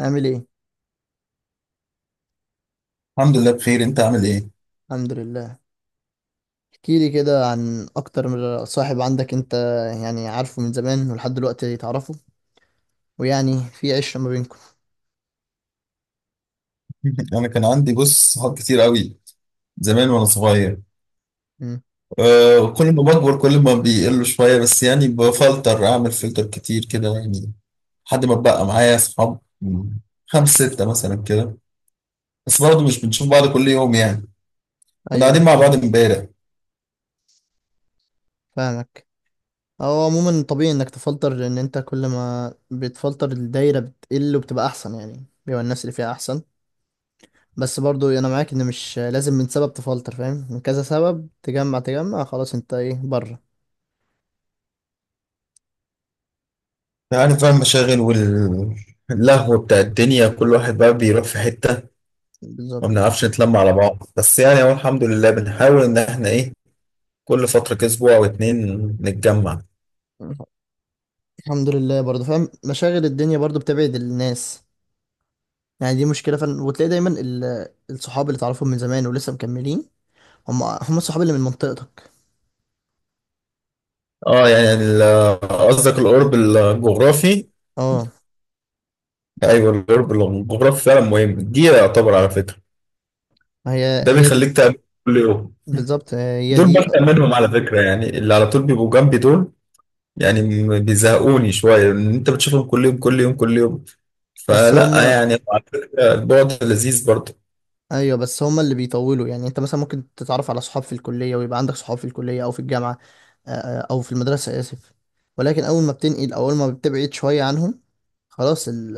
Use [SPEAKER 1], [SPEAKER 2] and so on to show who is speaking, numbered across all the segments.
[SPEAKER 1] عامل ايه؟
[SPEAKER 2] الحمد لله بخير، انت عامل ايه؟
[SPEAKER 1] الحمد لله. احكي لي كده عن اكتر من صاحب عندك انت، يعني عارفه من زمان ولحد دلوقتي تعرفه، ويعني في عشرة ما بينكم.
[SPEAKER 2] انا كان عندي، بص، صحاب كتير قوي زمان وانا صغير.
[SPEAKER 1] امم.
[SPEAKER 2] أه، كل ما بكبر كل ما بيقلوا شويه، بس يعني اعمل فلتر كتير كده يعني. لحد ما بقى معايا صحاب خمس ستة مثلا كده. بس برضه مش بنشوف بعض كل يوم يعني. كنا
[SPEAKER 1] ايوه، ايوه،
[SPEAKER 2] قاعدين مع
[SPEAKER 1] فاهم.
[SPEAKER 2] بعض امبارح انت.
[SPEAKER 1] فاهمك. هو عموما طبيعي انك تفلتر لان انت كل ما بتفلتر الدايره بتقل وبتبقى احسن، يعني بيبقى الناس اللي فيها احسن. بس برضو انا معاك ان مش لازم من سبب تفلتر فاهم، من كذا سبب تجمع تجمع. خلاص انت ايه بره؟
[SPEAKER 2] عارف بقى المشاغل واللهو بتاع الدنيا، كل واحد بقى بيروح في حتة. ما
[SPEAKER 1] بالظبط.
[SPEAKER 2] بنعرفش نتلم على بعض، بس يعني هو الحمد لله بنحاول ان احنا ايه، كل فترة كده اسبوع او اتنين نتجمع.
[SPEAKER 1] الحمد لله. برضو فاهم مشاغل الدنيا برضو بتبعد الناس. يعني دي مشكلة فعلا، وتلاقي دايما الصحاب اللي تعرفهم من زمان ولسه مكملين هم هم الصحاب اللي من منطقتك.
[SPEAKER 2] اه يعني قصدك القرب الجغرافي.
[SPEAKER 1] اه.
[SPEAKER 2] ايوه، القرب الجغرافي فعلا مهم، دي يعتبر على فكره.
[SPEAKER 1] هي
[SPEAKER 2] ده
[SPEAKER 1] هي دي.
[SPEAKER 2] بيخليك تقابل كل يوم.
[SPEAKER 1] بالظبط، هي
[SPEAKER 2] دول
[SPEAKER 1] دي.
[SPEAKER 2] ببدأ منهم على فكره، يعني اللي على طول بيبقوا جنبي دول. يعني بيزهقوني شويه، لان انت بتشوفهم كل يوم كل يوم كل يوم.
[SPEAKER 1] بس
[SPEAKER 2] فلا
[SPEAKER 1] هم.
[SPEAKER 2] يعني على فكره البعد لذيذ برضه.
[SPEAKER 1] ايوه، بس هم اللي بيطولوا، يعني انت مثلا ممكن تتعرف على صحاب في الكلية ويبقى عندك صحاب في الكلية او في الجامعة. او في المدرسة، اسف. ولكن اول ما بتنقل او اول ما بتبعد شوية عنهم، خلاص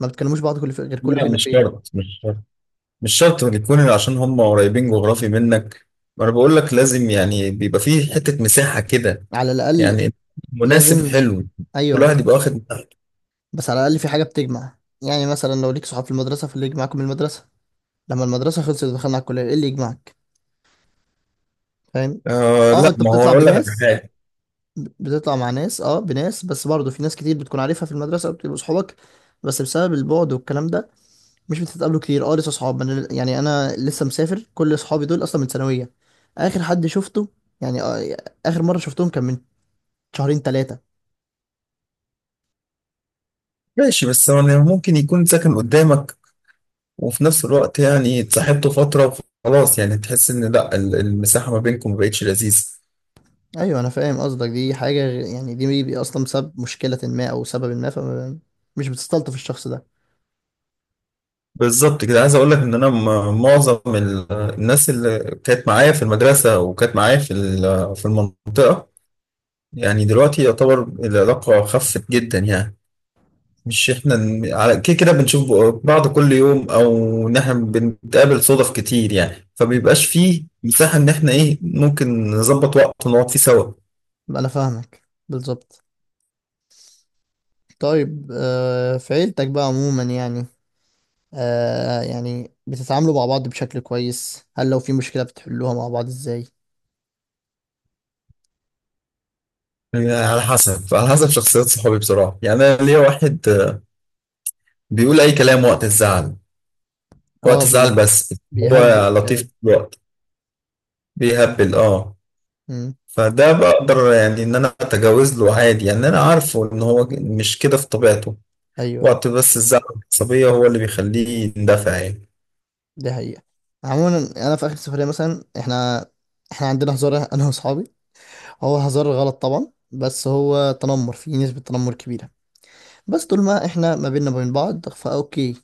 [SPEAKER 1] ما بتكلموش بعض غير كل
[SPEAKER 2] لا،
[SPEAKER 1] فين
[SPEAKER 2] مش
[SPEAKER 1] وفين.
[SPEAKER 2] شرط، مش شرط. مش شرط يكون عشان هم قريبين جغرافي منك. ما انا بقول لك لازم يعني بيبقى فيه حته مساحه كده،
[SPEAKER 1] على الاقل.
[SPEAKER 2] يعني مناسب،
[SPEAKER 1] لازم.
[SPEAKER 2] حلو. كل
[SPEAKER 1] ايوه.
[SPEAKER 2] واحد يبقى واخد مساحته.
[SPEAKER 1] بس على الأقل في حاجة بتجمع، يعني مثلا لو ليك صحاب في المدرسة فاللي يجمعكم من المدرسة، لما المدرسة خلصت ودخلنا على الكلية ايه اللي يجمعك؟ فاهم.
[SPEAKER 2] آه
[SPEAKER 1] اه،
[SPEAKER 2] لا،
[SPEAKER 1] انت
[SPEAKER 2] ما هو اقول لك على حاجه.
[SPEAKER 1] بتطلع مع ناس، اه بناس، بس برضه في ناس كتير بتكون عارفها في المدرسة وبتبقوا صحابك، بس بسبب البعد والكلام ده مش بتتقابلوا كتير. اه، لسه صحاب. أنا يعني، انا لسه مسافر، كل صحابي دول اصلا من ثانوية. اخر حد شفته يعني، اخر مرة شفتهم كان من شهرين ثلاثة.
[SPEAKER 2] ماشي، بس هو يعني ممكن يكون ساكن قدامك وفي نفس الوقت يعني اتصاحبته فتره وخلاص، يعني تحس ان لا المساحه ما بينكم ما بقتش لذيذه.
[SPEAKER 1] ايوه، انا فاهم قصدك. دي حاجه اصلا سبب مشكله ما او سبب ما، فمش بتستلطف الشخص ده.
[SPEAKER 2] بالظبط كده، عايز اقول لك ان انا معظم الناس اللي كانت معايا في المدرسه وكانت معايا في في المنطقه، يعني دلوقتي يعتبر العلاقه خفت جدا يعني. مش احنا على كده كده بنشوف بعض كل يوم، او ان احنا بنتقابل صدف كتير يعني،
[SPEAKER 1] مم.
[SPEAKER 2] فبيبقاش فيه مساحة ان احنا ايه ممكن نظبط وقت ونقعد فيه سوا.
[SPEAKER 1] انا فاهمك. بالظبط. طيب، في عيلتك بقى عموما، يعني، يعني بتتعاملوا مع بعض بشكل كويس؟ هل لو في مشكله بتحلوها مع بعض ازاي؟
[SPEAKER 2] يعني على حسب شخصيات صحابي بصراحة. يعني انا ليا واحد بيقول اي كلام وقت الزعل.
[SPEAKER 1] اه،
[SPEAKER 2] وقت الزعل بس. هو
[SPEAKER 1] بيهبل في
[SPEAKER 2] لطيف
[SPEAKER 1] الكلام.
[SPEAKER 2] في الوقت، بيهبل اه.
[SPEAKER 1] مم.
[SPEAKER 2] فده بقدر يعني ان انا اتجاوز له عادي، يعني انا عارفه ان هو مش كده في طبيعته.
[SPEAKER 1] ايوه، ايوه.
[SPEAKER 2] وقت بس الزعل العصبية هو اللي بيخليه يندفع يعني.
[SPEAKER 1] دي حقيقه. عموما انا في اخر سفريه مثلا، احنا عندنا هزار انا واصحابي. هو هزار غلط طبعا، بس هو تنمر فيه نسبه تنمر كبيره. بس طول ما احنا ما بيننا وبين بعض فاوكي،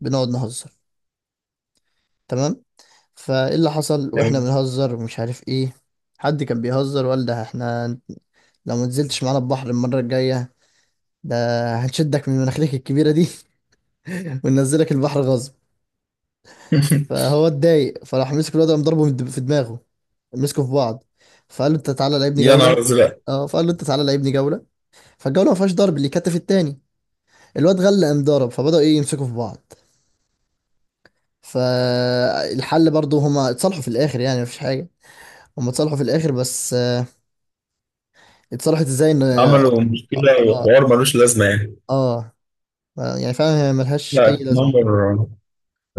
[SPEAKER 1] بنقعد نهزر، تمام. فايه اللي حصل واحنا
[SPEAKER 2] تمام.
[SPEAKER 1] بنهزر ومش عارف ايه، حد كان بيهزر وقال، ده احنا لو ما نزلتش معانا البحر المرة الجاية ده هنشدك من مناخيرك الكبيرة دي وننزلك البحر غصب. فهو اتضايق، فراح مسك الواد، قام ضربه في دماغه، مسكوا في بعض. فقال له انت تعالى لعبني
[SPEAKER 2] يا
[SPEAKER 1] جولة.
[SPEAKER 2] نهار ازرق.
[SPEAKER 1] اه، فقال له انت تعالى لعبني جولة، فالجولة ما فيهاش ضرب اللي كتف التاني. الواد غلى قام ضرب، فبدأوا ايه يمسكوا في بعض. فالحل برضه هما اتصالحوا في الاخر يعني، مفيش حاجه. هما اتصالحوا في الاخر، بس، اتصالحت ازاي، ان
[SPEAKER 2] عملوا مشكله
[SPEAKER 1] اه
[SPEAKER 2] وحوار ملوش لازمه يعني.
[SPEAKER 1] آه، يعني فعلا هي ملهاش
[SPEAKER 2] لا
[SPEAKER 1] اي لازمه.
[SPEAKER 2] التنمر.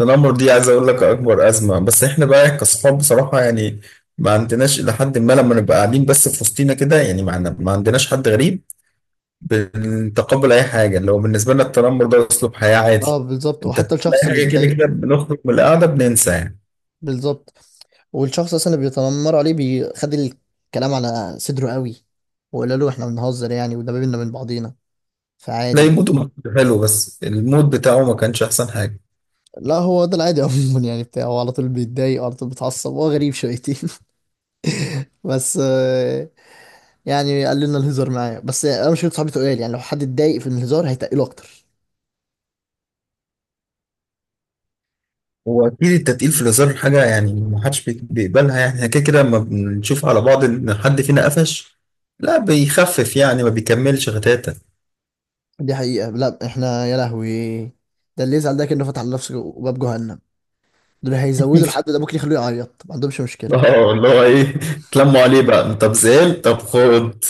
[SPEAKER 2] التنمر دي عايز اقول لك اكبر ازمه، بس احنا بقى كصحاب بصراحه يعني ما عندناش، الى حد ما لما نبقى قاعدين بس في وسطينا كده يعني ما عندناش حد غريب. بنتقبل اي حاجه، لو بالنسبه لنا التنمر ده اسلوب حياه
[SPEAKER 1] اه،
[SPEAKER 2] عادي.
[SPEAKER 1] بالظبط،
[SPEAKER 2] انت
[SPEAKER 1] وحتى الشخص
[SPEAKER 2] اي
[SPEAKER 1] اللي
[SPEAKER 2] حاجه، كده
[SPEAKER 1] اتضايق.
[SPEAKER 2] كده بنخرج من القعده بننسى يعني.
[SPEAKER 1] بالظبط، والشخص اصلا اللي بيتنمر عليه بيخد الكلام على صدره قوي، وقال له احنا بنهزر يعني، وده بينا من بعضينا،
[SPEAKER 2] تلاقي
[SPEAKER 1] فعادي.
[SPEAKER 2] موده حلو، بس المود بتاعه ما كانش احسن حاجه.
[SPEAKER 1] لا، هو ده العادي عموما يعني، بتاعه هو على طول بيتضايق وعلى طول بيتعصب، هو غريب شويتين. بس، يعني قال لنا الهزار معايا، بس انا مش صاحبي تقال، يعني لو حد اتضايق في الهزار هيتقله اكتر.
[SPEAKER 2] هو اكيد التتقيل في الهزار حاجه، يعني ما حدش بيقبلها، يعني احنا كده كده لما بنشوف على بعض ان حد فينا قفش، لا بيخفف يعني، ما بيكملش غتاته.
[SPEAKER 1] دي حقيقة. لا احنا يا لهوي، ده اللي يزعل ده كأنه فتح لنفسه باب جهنم، دول هيزودوا. الحد ده ممكن يخلوه يعيط، ما عندهمش مشكلة.
[SPEAKER 2] اه اللي هو ايه، تلموا عليه بقى؟ طب زعل طب خد.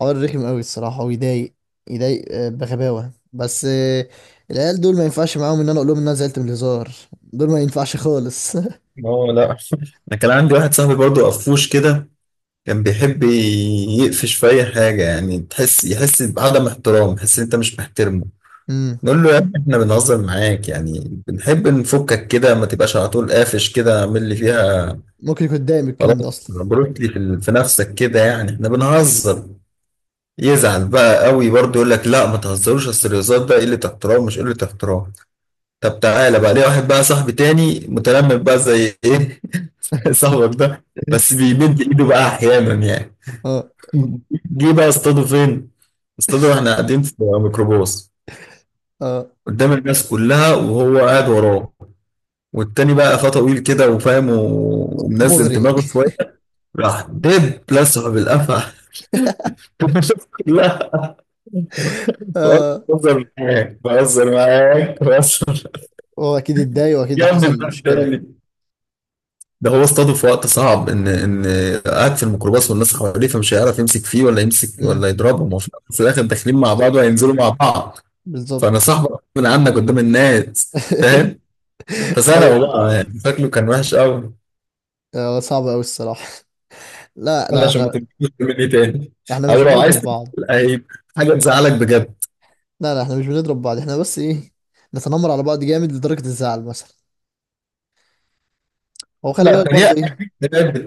[SPEAKER 1] حوار رخم قوي الصراحة ويضايق، يضايق بغباوة، بس العيال دول ما ينفعش معاهم ان انا اقول لهم ان انا زعلت من الهزار. دول ما ينفعش خالص.
[SPEAKER 2] اه لا، انا كان عندي واحد صاحبي برضو قفوش كده، كان بيحب يقفش في اي حاجه، يعني يحس بعدم احترام، يحس ان انت مش محترمه.
[SPEAKER 1] مم.
[SPEAKER 2] نقول له يا ابني احنا بنهزر معاك، يعني بنحب نفكك كده، ما تبقاش على طول قافش كده، اعمل لي فيها.
[SPEAKER 1] ممكن يكون اتضايق من الكلام ده
[SPEAKER 2] خلاص
[SPEAKER 1] اصلا.
[SPEAKER 2] مبروك لي في في نفسك كده، يعني احنا بنهزر. يزعل بقى قوي برضه، يقول لك لا ما تهزروش، اصل الهزار ده قله احترام. مش قله احترام، طب تعالى بقى. ليه واحد بقى صاحبي تاني متلمم بقى زي ايه. صاحبك ده بس بيمد ايده بقى احيانا يعني.
[SPEAKER 1] اه،
[SPEAKER 2] جه بقى اصطاده فين؟ اصطاده واحنا قاعدين في ميكروباص،
[SPEAKER 1] اه،
[SPEAKER 2] قدام الناس كلها، وهو قاعد وراه، والتاني بقى قفاه طويل كده وفاهم ومنزل
[SPEAKER 1] مغري.
[SPEAKER 2] دماغه شويه، راح دب لسه بالقفا. لا،
[SPEAKER 1] اه،
[SPEAKER 2] بهزر معاك، بهزر معاك، بهزر.
[SPEAKER 1] هو اكيد اتضايق واكيد ده
[SPEAKER 2] يا عم ده
[SPEAKER 1] حصل مشكلة.
[SPEAKER 2] تاني. ده هو اصطاده في وقت صعب، ان قاعد في الميكروباص والناس حواليه، فمش هيعرف يمسك فيه ولا يمسك
[SPEAKER 1] مم.
[SPEAKER 2] ولا يضربهم، هو في الأول وفي الاخر داخلين مع بعض
[SPEAKER 1] بالظبط.
[SPEAKER 2] وهينزلوا مع بعض. فانا
[SPEAKER 1] بالظبط.
[SPEAKER 2] صاحبك من عنك قدام الناس، فاهم. فسرقوا
[SPEAKER 1] ايوه.
[SPEAKER 2] بقى، يعني شكله كان وحش قوي.
[SPEAKER 1] هو صعب قوي الصراحه. لا،
[SPEAKER 2] ولا
[SPEAKER 1] لا،
[SPEAKER 2] عشان ما
[SPEAKER 1] احنا
[SPEAKER 2] تبقاش مني تاني، او
[SPEAKER 1] مش
[SPEAKER 2] لو عايز
[SPEAKER 1] بنضرب بعض.
[SPEAKER 2] تزعل، هيبقى حاجه تزعلك بجد.
[SPEAKER 1] لا، لا، احنا مش بنضرب بعض، احنا بس ايه، نتنمر على بعض جامد لدرجه الزعل مثلا. هو خلي
[SPEAKER 2] لا،
[SPEAKER 1] بالك برضه
[SPEAKER 2] تريق
[SPEAKER 1] ايه،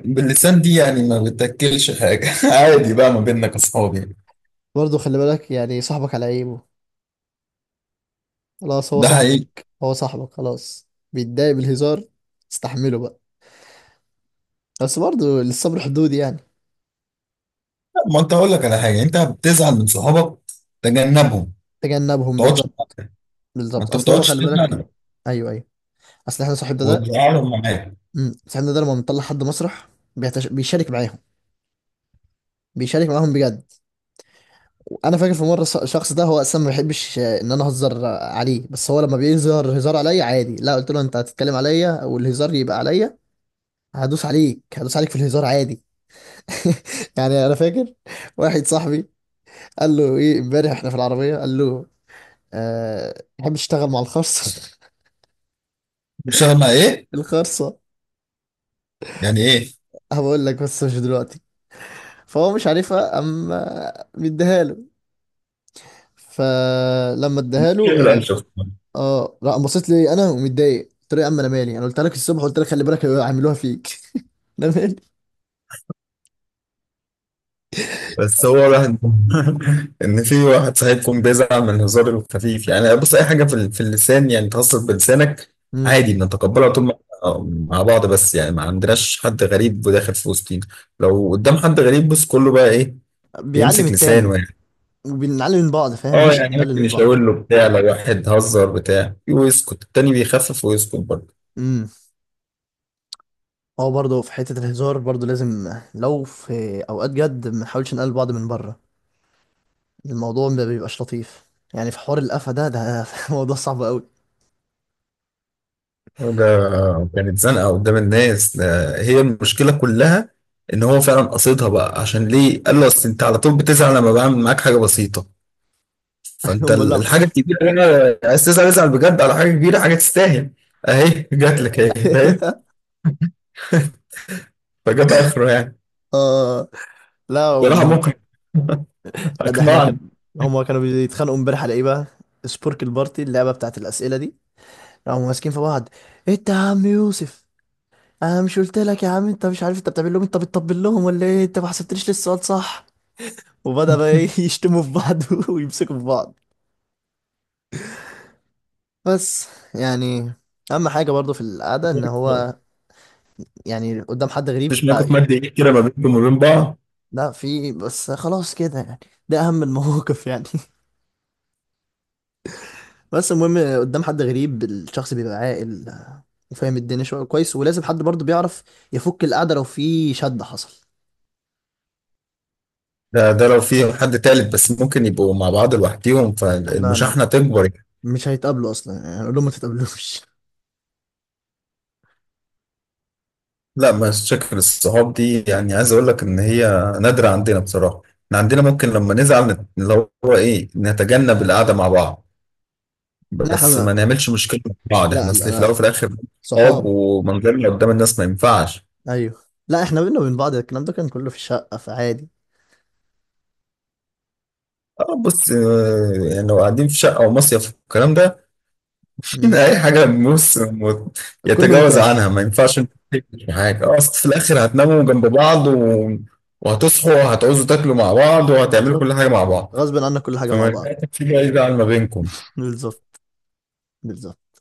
[SPEAKER 2] باللسان دي يعني ما بتاكلش حاجه. عادي بقى ما بيننا كصحاب يعني.
[SPEAKER 1] برضه خلي بالك يعني صاحبك على عيبه، خلاص، هو
[SPEAKER 2] ده حقيقي.
[SPEAKER 1] صاحبك، هو صاحبك خلاص. بيتضايق بالهزار، استحمله بقى، بس برضه للصبر حدود يعني.
[SPEAKER 2] لا، ما انت اقول لك على حاجه، انت بتزعل من صحابك تجنبهم، ما
[SPEAKER 1] تجنبهم.
[SPEAKER 2] تقعدش
[SPEAKER 1] بالظبط.
[SPEAKER 2] معاهم. ما
[SPEAKER 1] بالظبط،
[SPEAKER 2] انت ما
[SPEAKER 1] اصل هو
[SPEAKER 2] بتقعدش
[SPEAKER 1] خلي بالك.
[SPEAKER 2] تزعل
[SPEAKER 1] ايوه، ايوه. اصل احنا
[SPEAKER 2] وتزعلهم معاك.
[SPEAKER 1] صاحبنا ده لما بنطلع حد مسرح، بيشارك معاهم، بيشارك معاهم بجد. انا فاكر في مره، الشخص ده هو اصلا ما بيحبش، ان انا اهزر، عليه، بس هو لما بيظهر هزار عليا عادي. لا، قلت له انت هتتكلم عليا والهزار يبقى عليا، هدوس عليك هدوس عليك في الهزار عادي. يعني انا فاكر واحد صاحبي قال له ايه امبارح احنا في العربيه، قال له أه تحب تشتغل مع الخرصه؟
[SPEAKER 2] بتشتغل مع ايه؟
[SPEAKER 1] الخرصه
[SPEAKER 2] يعني ايه؟
[SPEAKER 1] هقول لك بس مش دلوقتي. فهو مش عارفها اما مديها له. فلما اداها له،
[SPEAKER 2] شغل قال شخص.
[SPEAKER 1] اه، لا، بصيت لي انا ومتضايق، قلت له يا عم انا مالي، انا قلت لك الصبح، قلت لك خلي بالك هيعملوها فيك. انا مالي.
[SPEAKER 2] بس هو واحد. ان في واحد صاحبكم بيزعل من الهزار الخفيف، يعني بص اي حاجه في اللسان، يعني تهزر بلسانك
[SPEAKER 1] امم.
[SPEAKER 2] عادي بنتقبلها طول ما مع بعض، بس يعني ما عندناش حد غريب داخل في وسطينا. لو قدام حد غريب بص، كله بقى ايه،
[SPEAKER 1] بيعلم
[SPEAKER 2] بيمسك
[SPEAKER 1] التاني.
[SPEAKER 2] لسانه يعني.
[SPEAKER 1] وبنعلم من بعض، فاهم،
[SPEAKER 2] اه
[SPEAKER 1] مش
[SPEAKER 2] يعني
[SPEAKER 1] بنقلل
[SPEAKER 2] ممكن
[SPEAKER 1] من بعض.
[SPEAKER 2] يشاور له بتاع، لو واحد هزر بتاع ويسكت التاني، بيخفف ويسكت برضه.
[SPEAKER 1] امم. هو برضه في حته الهزار برضه لازم لو في اوقات جد ما نحاولش نقلل بعض من بره. الموضوع ما بيبقاش لطيف يعني، في حوار القفا ده. موضوع صعب قوي.
[SPEAKER 2] ده كانت زنقة قدام الناس، ده هي المشكلة كلها. ان هو فعلا قصدها بقى، عشان ليه قال له اصل انت على طول بتزعل لما بعمل معاك حاجة بسيطة. فانت
[SPEAKER 1] هم، لا.
[SPEAKER 2] الحاجة الكبيرة هنا عايز تزعل، ازعل بجد على حاجة كبيرة، حاجة تستاهل. اهي جات لك اهي، فاهم. فجاب اخره يعني.
[SPEAKER 1] اه، لا،
[SPEAKER 2] بصراحة ممكن.
[SPEAKER 1] لا، ده احنا كان،
[SPEAKER 2] اقنعني.
[SPEAKER 1] هما كانوا بيتخانقوا امبارح على ايه بقى، سبورك البارتي، اللعبه بتاعت الاسئله دي، قاموا ماسكين في بعض. انت يا عم يوسف، انا مش قلت لك يا عم، انت مش عارف انت بتعمل لهم إيه؟ انت بتطبل لهم ولا ايه؟ انت ما حسبتليش لسه السؤال صح. وبدأ بقى ايه يشتموا في بعض ويمسكوا في بعض. بس، يعني، اهم حاجة برضو في القعدة، ان هو يعني قدام حد غريب
[SPEAKER 2] مفيش موقف
[SPEAKER 1] بقى.
[SPEAKER 2] مادي كده ما بينكم وما بين بعض؟
[SPEAKER 1] لا، في، بس خلاص كده يعني، ده اهم المواقف يعني. بس المهم قدام حد غريب الشخص بيبقى عاقل، وفاهم الدنيا شوية كويس، ولازم حد برضو بيعرف يفك القعدة لو في شد حصل.
[SPEAKER 2] ده لو في حد تالت، بس ممكن يبقوا مع بعض لوحديهم
[SPEAKER 1] لا،
[SPEAKER 2] فالمشاحنة تكبر يعني.
[SPEAKER 1] مش هيتقابلوا اصلا يعني، هنقول لهم ما تتقابلوش.
[SPEAKER 2] لا، مشاكل الصحاب دي يعني عايز اقول لك ان هي نادرة عندنا بصراحة. احنا عندنا ممكن لما نزعل اللي هو ايه، نتجنب القعدة مع بعض.
[SPEAKER 1] لا احنا
[SPEAKER 2] بس ما نعملش مشكلة مع بعض،
[SPEAKER 1] لا،
[SPEAKER 2] احنا
[SPEAKER 1] لا،
[SPEAKER 2] اصل في الاول
[SPEAKER 1] لا،
[SPEAKER 2] وفي الاخر صحاب،
[SPEAKER 1] صحاب.
[SPEAKER 2] ومنظرنا قدام الناس ما ينفعش.
[SPEAKER 1] ايوه. لا احنا بينا وبين بعض الكلام ده كان كله في الشقه فعادي.
[SPEAKER 2] اه بص، يعني لو قاعدين في شقة او مصيف والكلام ده،
[SPEAKER 1] مم.
[SPEAKER 2] اي حاجة بص
[SPEAKER 1] كله
[SPEAKER 2] يتجاوز
[SPEAKER 1] متاح.
[SPEAKER 2] عنها، ما ينفعش انت تكتشف حاجة، اصل في الاخر هتناموا جنب بعض وهتصحوا وهتعوزوا تاكلوا مع بعض وهتعملوا كل حاجة
[SPEAKER 1] بالظبط،
[SPEAKER 2] مع بعض.
[SPEAKER 1] غصب عنا كل حاجه
[SPEAKER 2] فما
[SPEAKER 1] مع
[SPEAKER 2] ينفعش
[SPEAKER 1] بعض.
[SPEAKER 2] في بعيد عن ما بينكم.
[SPEAKER 1] بالظبط. بالظبط.